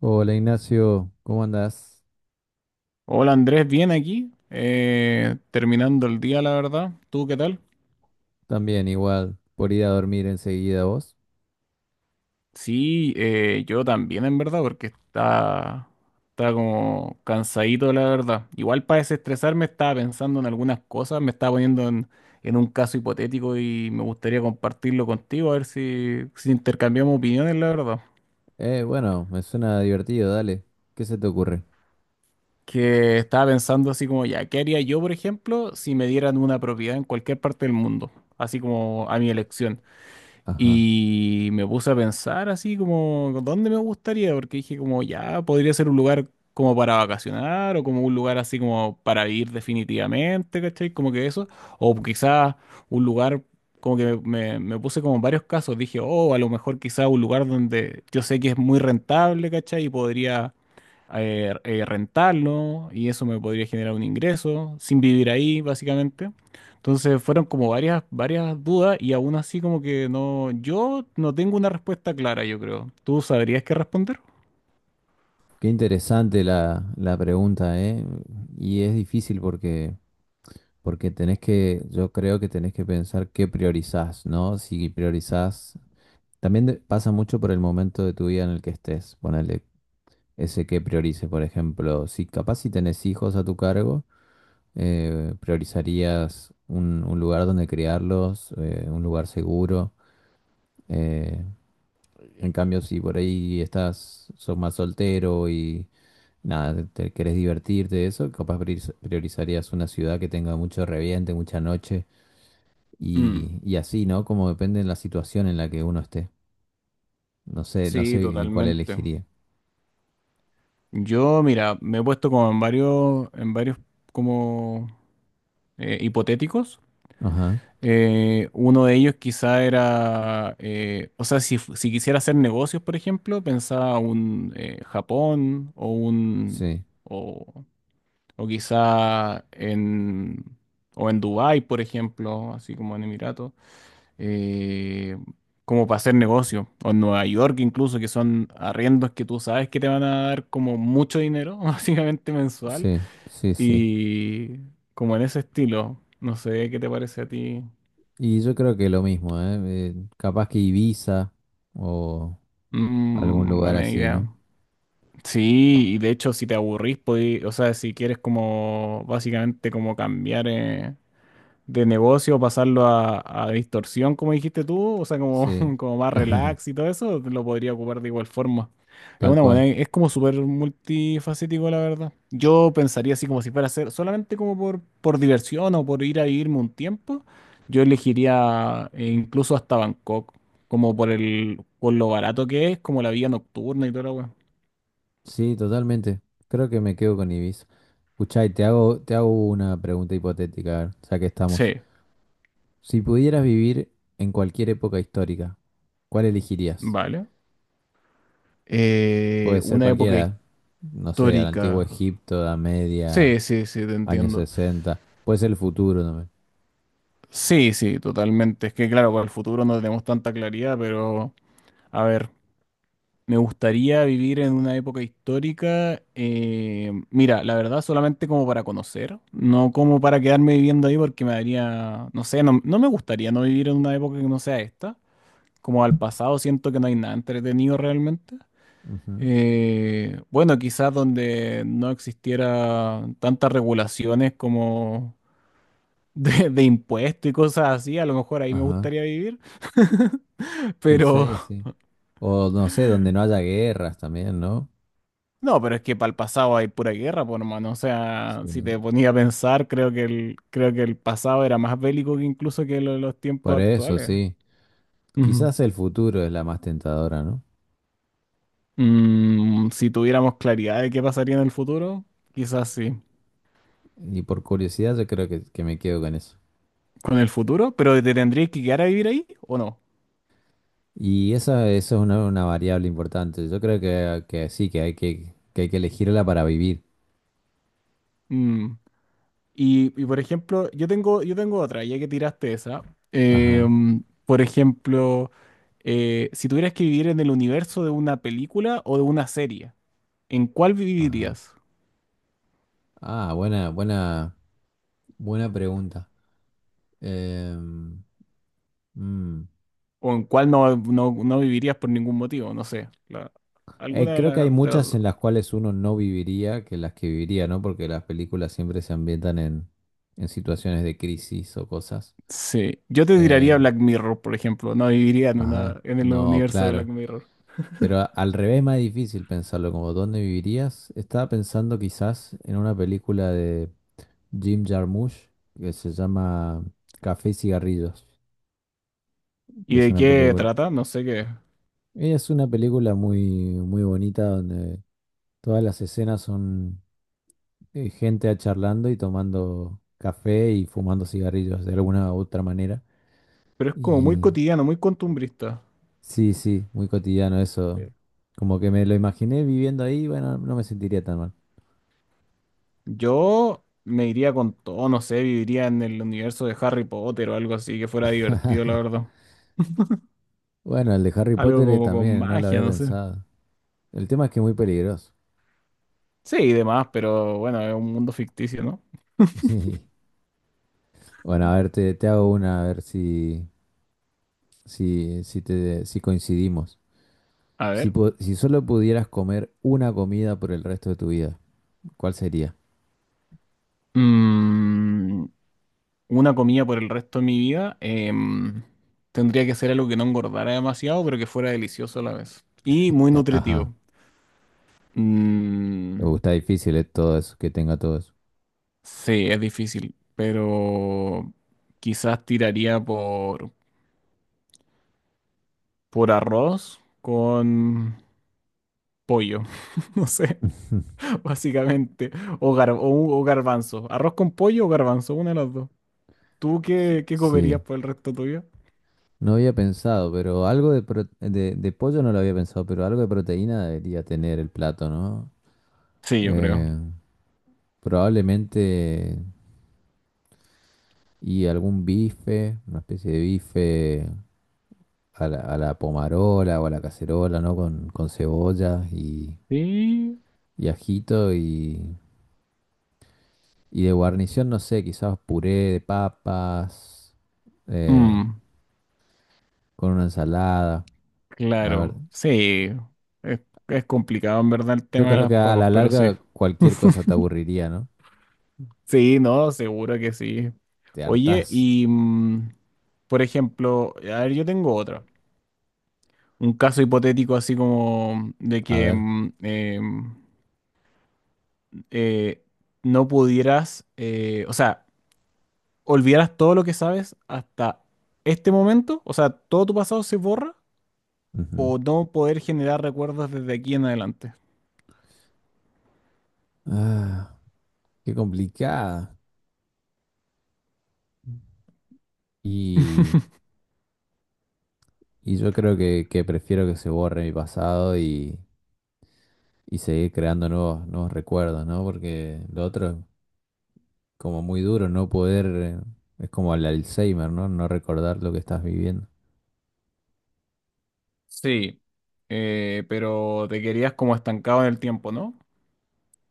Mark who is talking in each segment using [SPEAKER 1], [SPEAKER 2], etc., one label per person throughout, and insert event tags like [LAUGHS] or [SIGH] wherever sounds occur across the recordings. [SPEAKER 1] Hola Ignacio, ¿cómo andás?
[SPEAKER 2] Hola Andrés, bien aquí, terminando el día, la verdad. ¿Tú qué tal?
[SPEAKER 1] También igual, por ir a dormir enseguida vos.
[SPEAKER 2] Sí, yo también en verdad, porque está, está como cansadito, la verdad. Igual para desestresarme estaba pensando en algunas cosas, me estaba poniendo en un caso hipotético y me gustaría compartirlo contigo, a ver si intercambiamos opiniones, la verdad.
[SPEAKER 1] Bueno, me suena divertido, dale. ¿Qué se te ocurre?
[SPEAKER 2] Que estaba pensando así como, ya, ¿qué haría yo, por ejemplo, si me dieran una propiedad en cualquier parte del mundo? Así como a mi elección.
[SPEAKER 1] Ajá.
[SPEAKER 2] Y me puse a pensar así como, ¿dónde me gustaría? Porque dije como, ya, podría ser un lugar como para vacacionar o como un lugar así como para vivir definitivamente, ¿cachai? Como que eso. O quizás un lugar, como que me puse como en varios casos. Dije, oh, a lo mejor quizás un lugar donde yo sé que es muy rentable, ¿cachai? Y podría rentarlo y eso me podría generar un ingreso sin vivir ahí, básicamente. Entonces fueron como varias dudas y aún así como que no, yo no tengo una respuesta clara, yo creo. ¿Tú sabrías qué responder?
[SPEAKER 1] Qué interesante la pregunta, ¿eh? Y es difícil porque tenés que, yo creo que tenés que pensar qué priorizás, ¿no? Si priorizás, también pasa mucho por el momento de tu vida en el que estés. Ponele ese qué priorice, por ejemplo, si capaz si tenés hijos a tu cargo. ¿Priorizarías un lugar donde criarlos, un lugar seguro? Eh, en cambio, si por ahí estás, sos más soltero y nada, te querés divertirte de eso, capaz priorizarías una ciudad que tenga mucho reviente, mucha noche
[SPEAKER 2] Mm,
[SPEAKER 1] y así, ¿no? Como depende de la situación en la que uno esté. No
[SPEAKER 2] sí,
[SPEAKER 1] sé en cuál
[SPEAKER 2] totalmente.
[SPEAKER 1] elegiría.
[SPEAKER 2] Yo, mira, me he puesto como en varios como hipotéticos.
[SPEAKER 1] Ajá,
[SPEAKER 2] Uno de ellos quizá era, o sea, si, si quisiera hacer negocios, por ejemplo, pensaba un Japón o un,
[SPEAKER 1] sí,
[SPEAKER 2] o quizá en, o en Dubái, por ejemplo, así como en Emiratos, eh, como para hacer negocio. O en Nueva York incluso, que son arriendos que tú sabes que te van a dar como mucho dinero, [LAUGHS] básicamente mensual.
[SPEAKER 1] sí, sí, sí.
[SPEAKER 2] Y como en ese estilo, no sé qué te parece a ti.
[SPEAKER 1] Y yo creo que lo mismo, ¿eh? Capaz que Ibiza o... Algún
[SPEAKER 2] Mm,
[SPEAKER 1] lugar
[SPEAKER 2] buena
[SPEAKER 1] así, ¿no?
[SPEAKER 2] idea. Sí, y de hecho si te aburrís, o sea, si quieres como básicamente como cambiar, de negocio, pasarlo a distorsión, como dijiste tú, o sea, como,
[SPEAKER 1] Sí,
[SPEAKER 2] [LAUGHS] como más
[SPEAKER 1] [LAUGHS]
[SPEAKER 2] relax y todo eso, lo podría ocupar de igual forma. Es
[SPEAKER 1] tal
[SPEAKER 2] una buena,
[SPEAKER 1] cual.
[SPEAKER 2] es como súper multifacético, la verdad. Yo pensaría así como si fuera a ser solamente como por diversión o por ir a vivirme un tiempo, yo elegiría incluso hasta Bangkok, como por el, por lo barato que es, como la vida nocturna y todo lo weón.
[SPEAKER 1] Sí, totalmente. Creo que me quedo con Ibiza. Escuchá, y te hago una pregunta hipotética, a ver, ya que estamos.
[SPEAKER 2] Sí,
[SPEAKER 1] Si pudieras vivir en cualquier época histórica, ¿cuál elegirías?
[SPEAKER 2] vale.
[SPEAKER 1] Puede ser
[SPEAKER 2] Una época
[SPEAKER 1] cualquiera, no sé, al antiguo
[SPEAKER 2] histórica.
[SPEAKER 1] Egipto, Edad Media,
[SPEAKER 2] Sí, sí, sí, te
[SPEAKER 1] años
[SPEAKER 2] entiendo.
[SPEAKER 1] 60, puede ser el futuro también.
[SPEAKER 2] Sí, sí, totalmente. Es que claro, para el futuro no tenemos tanta claridad, pero a ver, me gustaría vivir en una época histórica. Mira, la verdad, solamente como para conocer, no como para quedarme viviendo ahí porque me daría, no sé, no, no me gustaría no vivir en una época que no sea esta. Como al pasado siento que no hay nada entretenido realmente.
[SPEAKER 1] Ujú.
[SPEAKER 2] Bueno, quizás donde no existiera tantas regulaciones como de impuestos y cosas así, a lo mejor ahí me
[SPEAKER 1] Ajá,
[SPEAKER 2] gustaría vivir. [LAUGHS]
[SPEAKER 1] quizá
[SPEAKER 2] Pero
[SPEAKER 1] ese. O no sé, donde no haya guerras también, ¿no?
[SPEAKER 2] no, pero es que para el pasado hay pura guerra, por hermano. O sea, si
[SPEAKER 1] Sí.
[SPEAKER 2] te ponía a pensar, creo que el pasado era más bélico que incluso que los tiempos
[SPEAKER 1] Por eso,
[SPEAKER 2] actuales.
[SPEAKER 1] sí.
[SPEAKER 2] Ujú.
[SPEAKER 1] Quizás el futuro es la más tentadora, ¿no?
[SPEAKER 2] Mm, si tuviéramos claridad de qué pasaría en el futuro, quizás sí.
[SPEAKER 1] Y por curiosidad yo creo que me quedo con eso.
[SPEAKER 2] Con el futuro, pero ¿te tendrías que quedar a vivir ahí o no?
[SPEAKER 1] Y esa, eso es una variable importante. Yo creo que sí, que hay que elegirla para vivir.
[SPEAKER 2] Mm. Por ejemplo, yo tengo otra, ya que tiraste esa.
[SPEAKER 1] Ajá,
[SPEAKER 2] Por ejemplo, si tuvieras que vivir en el universo de una película o de una serie, ¿en cuál
[SPEAKER 1] ajá.
[SPEAKER 2] vivirías?
[SPEAKER 1] Ah, buena pregunta. Em, mm.
[SPEAKER 2] ¿O en cuál no vivirías por ningún motivo? No sé. Alguna de,
[SPEAKER 1] Creo que hay
[SPEAKER 2] de las
[SPEAKER 1] muchas
[SPEAKER 2] dos.
[SPEAKER 1] en las cuales uno no viviría que las que viviría, ¿no? Porque las películas siempre se ambientan en situaciones de crisis o cosas.
[SPEAKER 2] Sí. Yo te tiraría
[SPEAKER 1] Em,
[SPEAKER 2] Black Mirror, por ejemplo. No viviría en
[SPEAKER 1] ajá,
[SPEAKER 2] una, en el
[SPEAKER 1] no,
[SPEAKER 2] universo de Black
[SPEAKER 1] claro.
[SPEAKER 2] Mirror.
[SPEAKER 1] Pero al revés es más difícil pensarlo, como ¿dónde vivirías? Estaba pensando quizás en una película de Jim Jarmusch que se llama Café y cigarrillos,
[SPEAKER 2] ¿Y
[SPEAKER 1] que
[SPEAKER 2] de qué trata? No sé qué.
[SPEAKER 1] es una película muy bonita donde todas las escenas son gente charlando y tomando café y fumando cigarrillos de alguna u otra manera.
[SPEAKER 2] Pero es como muy
[SPEAKER 1] Y
[SPEAKER 2] cotidiano, muy costumbrista.
[SPEAKER 1] sí, sí, muy cotidiano eso. Como que me lo imaginé viviendo ahí, bueno, no me sentiría tan mal.
[SPEAKER 2] Yo me iría con todo, no sé, viviría en el universo de Harry Potter o algo así que fuera divertido, la verdad.
[SPEAKER 1] Bueno, el de Harry
[SPEAKER 2] Algo
[SPEAKER 1] Potter
[SPEAKER 2] como con
[SPEAKER 1] también, no lo
[SPEAKER 2] magia,
[SPEAKER 1] había
[SPEAKER 2] no sé.
[SPEAKER 1] pensado. El tema es que es muy peligroso.
[SPEAKER 2] Sí, y demás, pero bueno, es un mundo ficticio, ¿no?
[SPEAKER 1] [LAUGHS] Sí. Bueno, a ver, te hago una, a ver si coincidimos.
[SPEAKER 2] A
[SPEAKER 1] Si,
[SPEAKER 2] ver.
[SPEAKER 1] si solo pudieras comer una comida por el resto de tu vida, ¿cuál sería?
[SPEAKER 2] Mm, una comida por el resto de mi vida. Tendría que ser algo que no engordara demasiado, pero que fuera delicioso a la vez. Y muy
[SPEAKER 1] Ajá,
[SPEAKER 2] nutritivo. Mm,
[SPEAKER 1] Está difícil que tenga todo eso.
[SPEAKER 2] sí, es difícil, pero quizás tiraría por arroz con pollo, [LAUGHS] no sé,
[SPEAKER 1] [LAUGHS]
[SPEAKER 2] básicamente, o, o, o garbanzo, arroz con pollo o garbanzo, una de las dos. ¿Tú qué comerías
[SPEAKER 1] Sí,
[SPEAKER 2] por el resto tuyo?
[SPEAKER 1] no había pensado, pero algo de, de pollo no lo había pensado, pero algo de proteína debería tener el plato, ¿no?
[SPEAKER 2] Sí, yo creo.
[SPEAKER 1] Eh, probablemente. Y algún bife, una especie de bife a la pomarola o a la cacerola, ¿no? Con cebolla
[SPEAKER 2] Sí.
[SPEAKER 1] y ajito y de guarnición, no sé, quizás puré de papas, eh,
[SPEAKER 2] Mm,
[SPEAKER 1] con una ensalada. La verdad.
[SPEAKER 2] claro, sí, es, es complicado en verdad el
[SPEAKER 1] Yo
[SPEAKER 2] tema de
[SPEAKER 1] creo
[SPEAKER 2] las
[SPEAKER 1] que a
[SPEAKER 2] papas,
[SPEAKER 1] la
[SPEAKER 2] pero sí.
[SPEAKER 1] larga cualquier
[SPEAKER 2] [LAUGHS]
[SPEAKER 1] cosa te aburriría, ¿no?
[SPEAKER 2] Sí, no, seguro que sí.
[SPEAKER 1] Te
[SPEAKER 2] Oye,
[SPEAKER 1] hartás.
[SPEAKER 2] y mm, por ejemplo, a ver, yo tengo otra. Un caso hipotético así como de
[SPEAKER 1] A
[SPEAKER 2] que
[SPEAKER 1] ver.
[SPEAKER 2] eh, no pudieras, o sea, olvidaras todo lo que sabes hasta este momento, o sea, todo tu pasado se borra
[SPEAKER 1] Ujú.
[SPEAKER 2] o no poder generar recuerdos desde aquí en adelante.
[SPEAKER 1] Ah, qué complicada. Y, y yo creo que prefiero que se borre mi pasado y seguir creando nuevos recuerdos, ¿no? Porque lo otro es como muy duro, no poder, es como el Alzheimer, ¿no? No recordar lo que estás viviendo.
[SPEAKER 2] Sí, pero te querías como estancado en el tiempo, ¿no?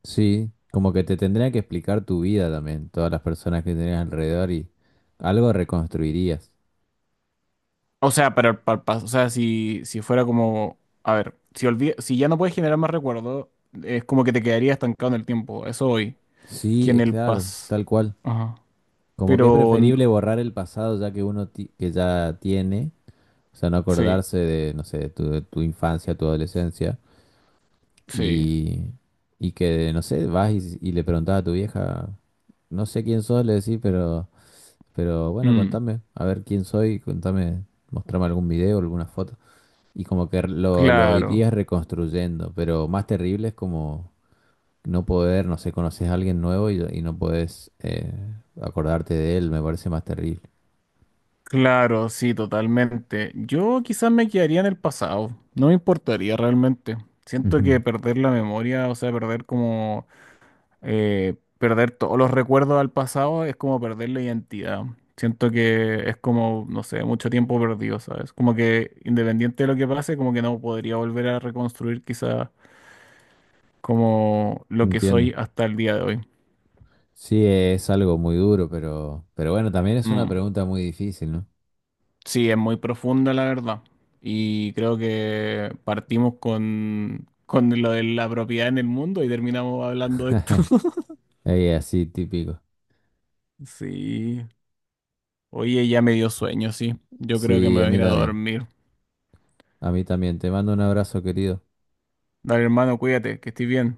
[SPEAKER 1] Sí, como que te tendría que explicar tu vida también, todas las personas que tenés alrededor y algo reconstruirías.
[SPEAKER 2] O sea, para el para o sea, si, si fuera como, a ver, si ya no puedes generar más recuerdos, es como que te quedaría estancado en el tiempo, eso hoy,
[SPEAKER 1] Sí,
[SPEAKER 2] que en el
[SPEAKER 1] claro,
[SPEAKER 2] pas,
[SPEAKER 1] tal cual.
[SPEAKER 2] ajá,
[SPEAKER 1] Como que es
[SPEAKER 2] pero
[SPEAKER 1] preferible borrar el pasado ya que uno que ya tiene, o sea, no
[SPEAKER 2] sí,
[SPEAKER 1] acordarse de, no sé, de tu infancia, tu adolescencia
[SPEAKER 2] sí.
[SPEAKER 1] Y, y que, no sé, vas y le preguntás a tu vieja, no sé quién sos, le decís, pero bueno,
[SPEAKER 2] Mm.
[SPEAKER 1] contame, a ver quién soy, contame, mostrame algún video, alguna foto. Y como que lo
[SPEAKER 2] Claro,
[SPEAKER 1] irías reconstruyendo, pero más terrible es como no poder, no sé, conoces a alguien nuevo y no podés acordarte de él, me parece más terrible.
[SPEAKER 2] claro, sí, totalmente. Yo quizás me quedaría en el pasado, no me importaría realmente. Siento que
[SPEAKER 1] Ujú.
[SPEAKER 2] perder la memoria, o sea, perder como, perder todos los recuerdos al pasado es como perder la identidad. Siento que es como, no sé, mucho tiempo perdido, ¿sabes? Como que independiente de lo que pase, como que no podría volver a reconstruir quizás como lo que
[SPEAKER 1] Entiendo.
[SPEAKER 2] soy hasta el día de hoy.
[SPEAKER 1] Sí, es algo muy duro, pero bueno, también es una
[SPEAKER 2] Mm.
[SPEAKER 1] pregunta muy difícil, ¿no?
[SPEAKER 2] Sí, es muy profunda la verdad. Y creo que partimos con lo de la propiedad en el mundo y terminamos hablando de esto. [LAUGHS]
[SPEAKER 1] Es así típico.
[SPEAKER 2] Sí. Oye, ya me dio sueño, sí. Yo creo que
[SPEAKER 1] Sí,
[SPEAKER 2] me
[SPEAKER 1] a
[SPEAKER 2] voy a
[SPEAKER 1] mí
[SPEAKER 2] ir a
[SPEAKER 1] también.
[SPEAKER 2] dormir.
[SPEAKER 1] A mí también. Te mando un abrazo, querido.
[SPEAKER 2] Dale, hermano, cuídate, que estés bien.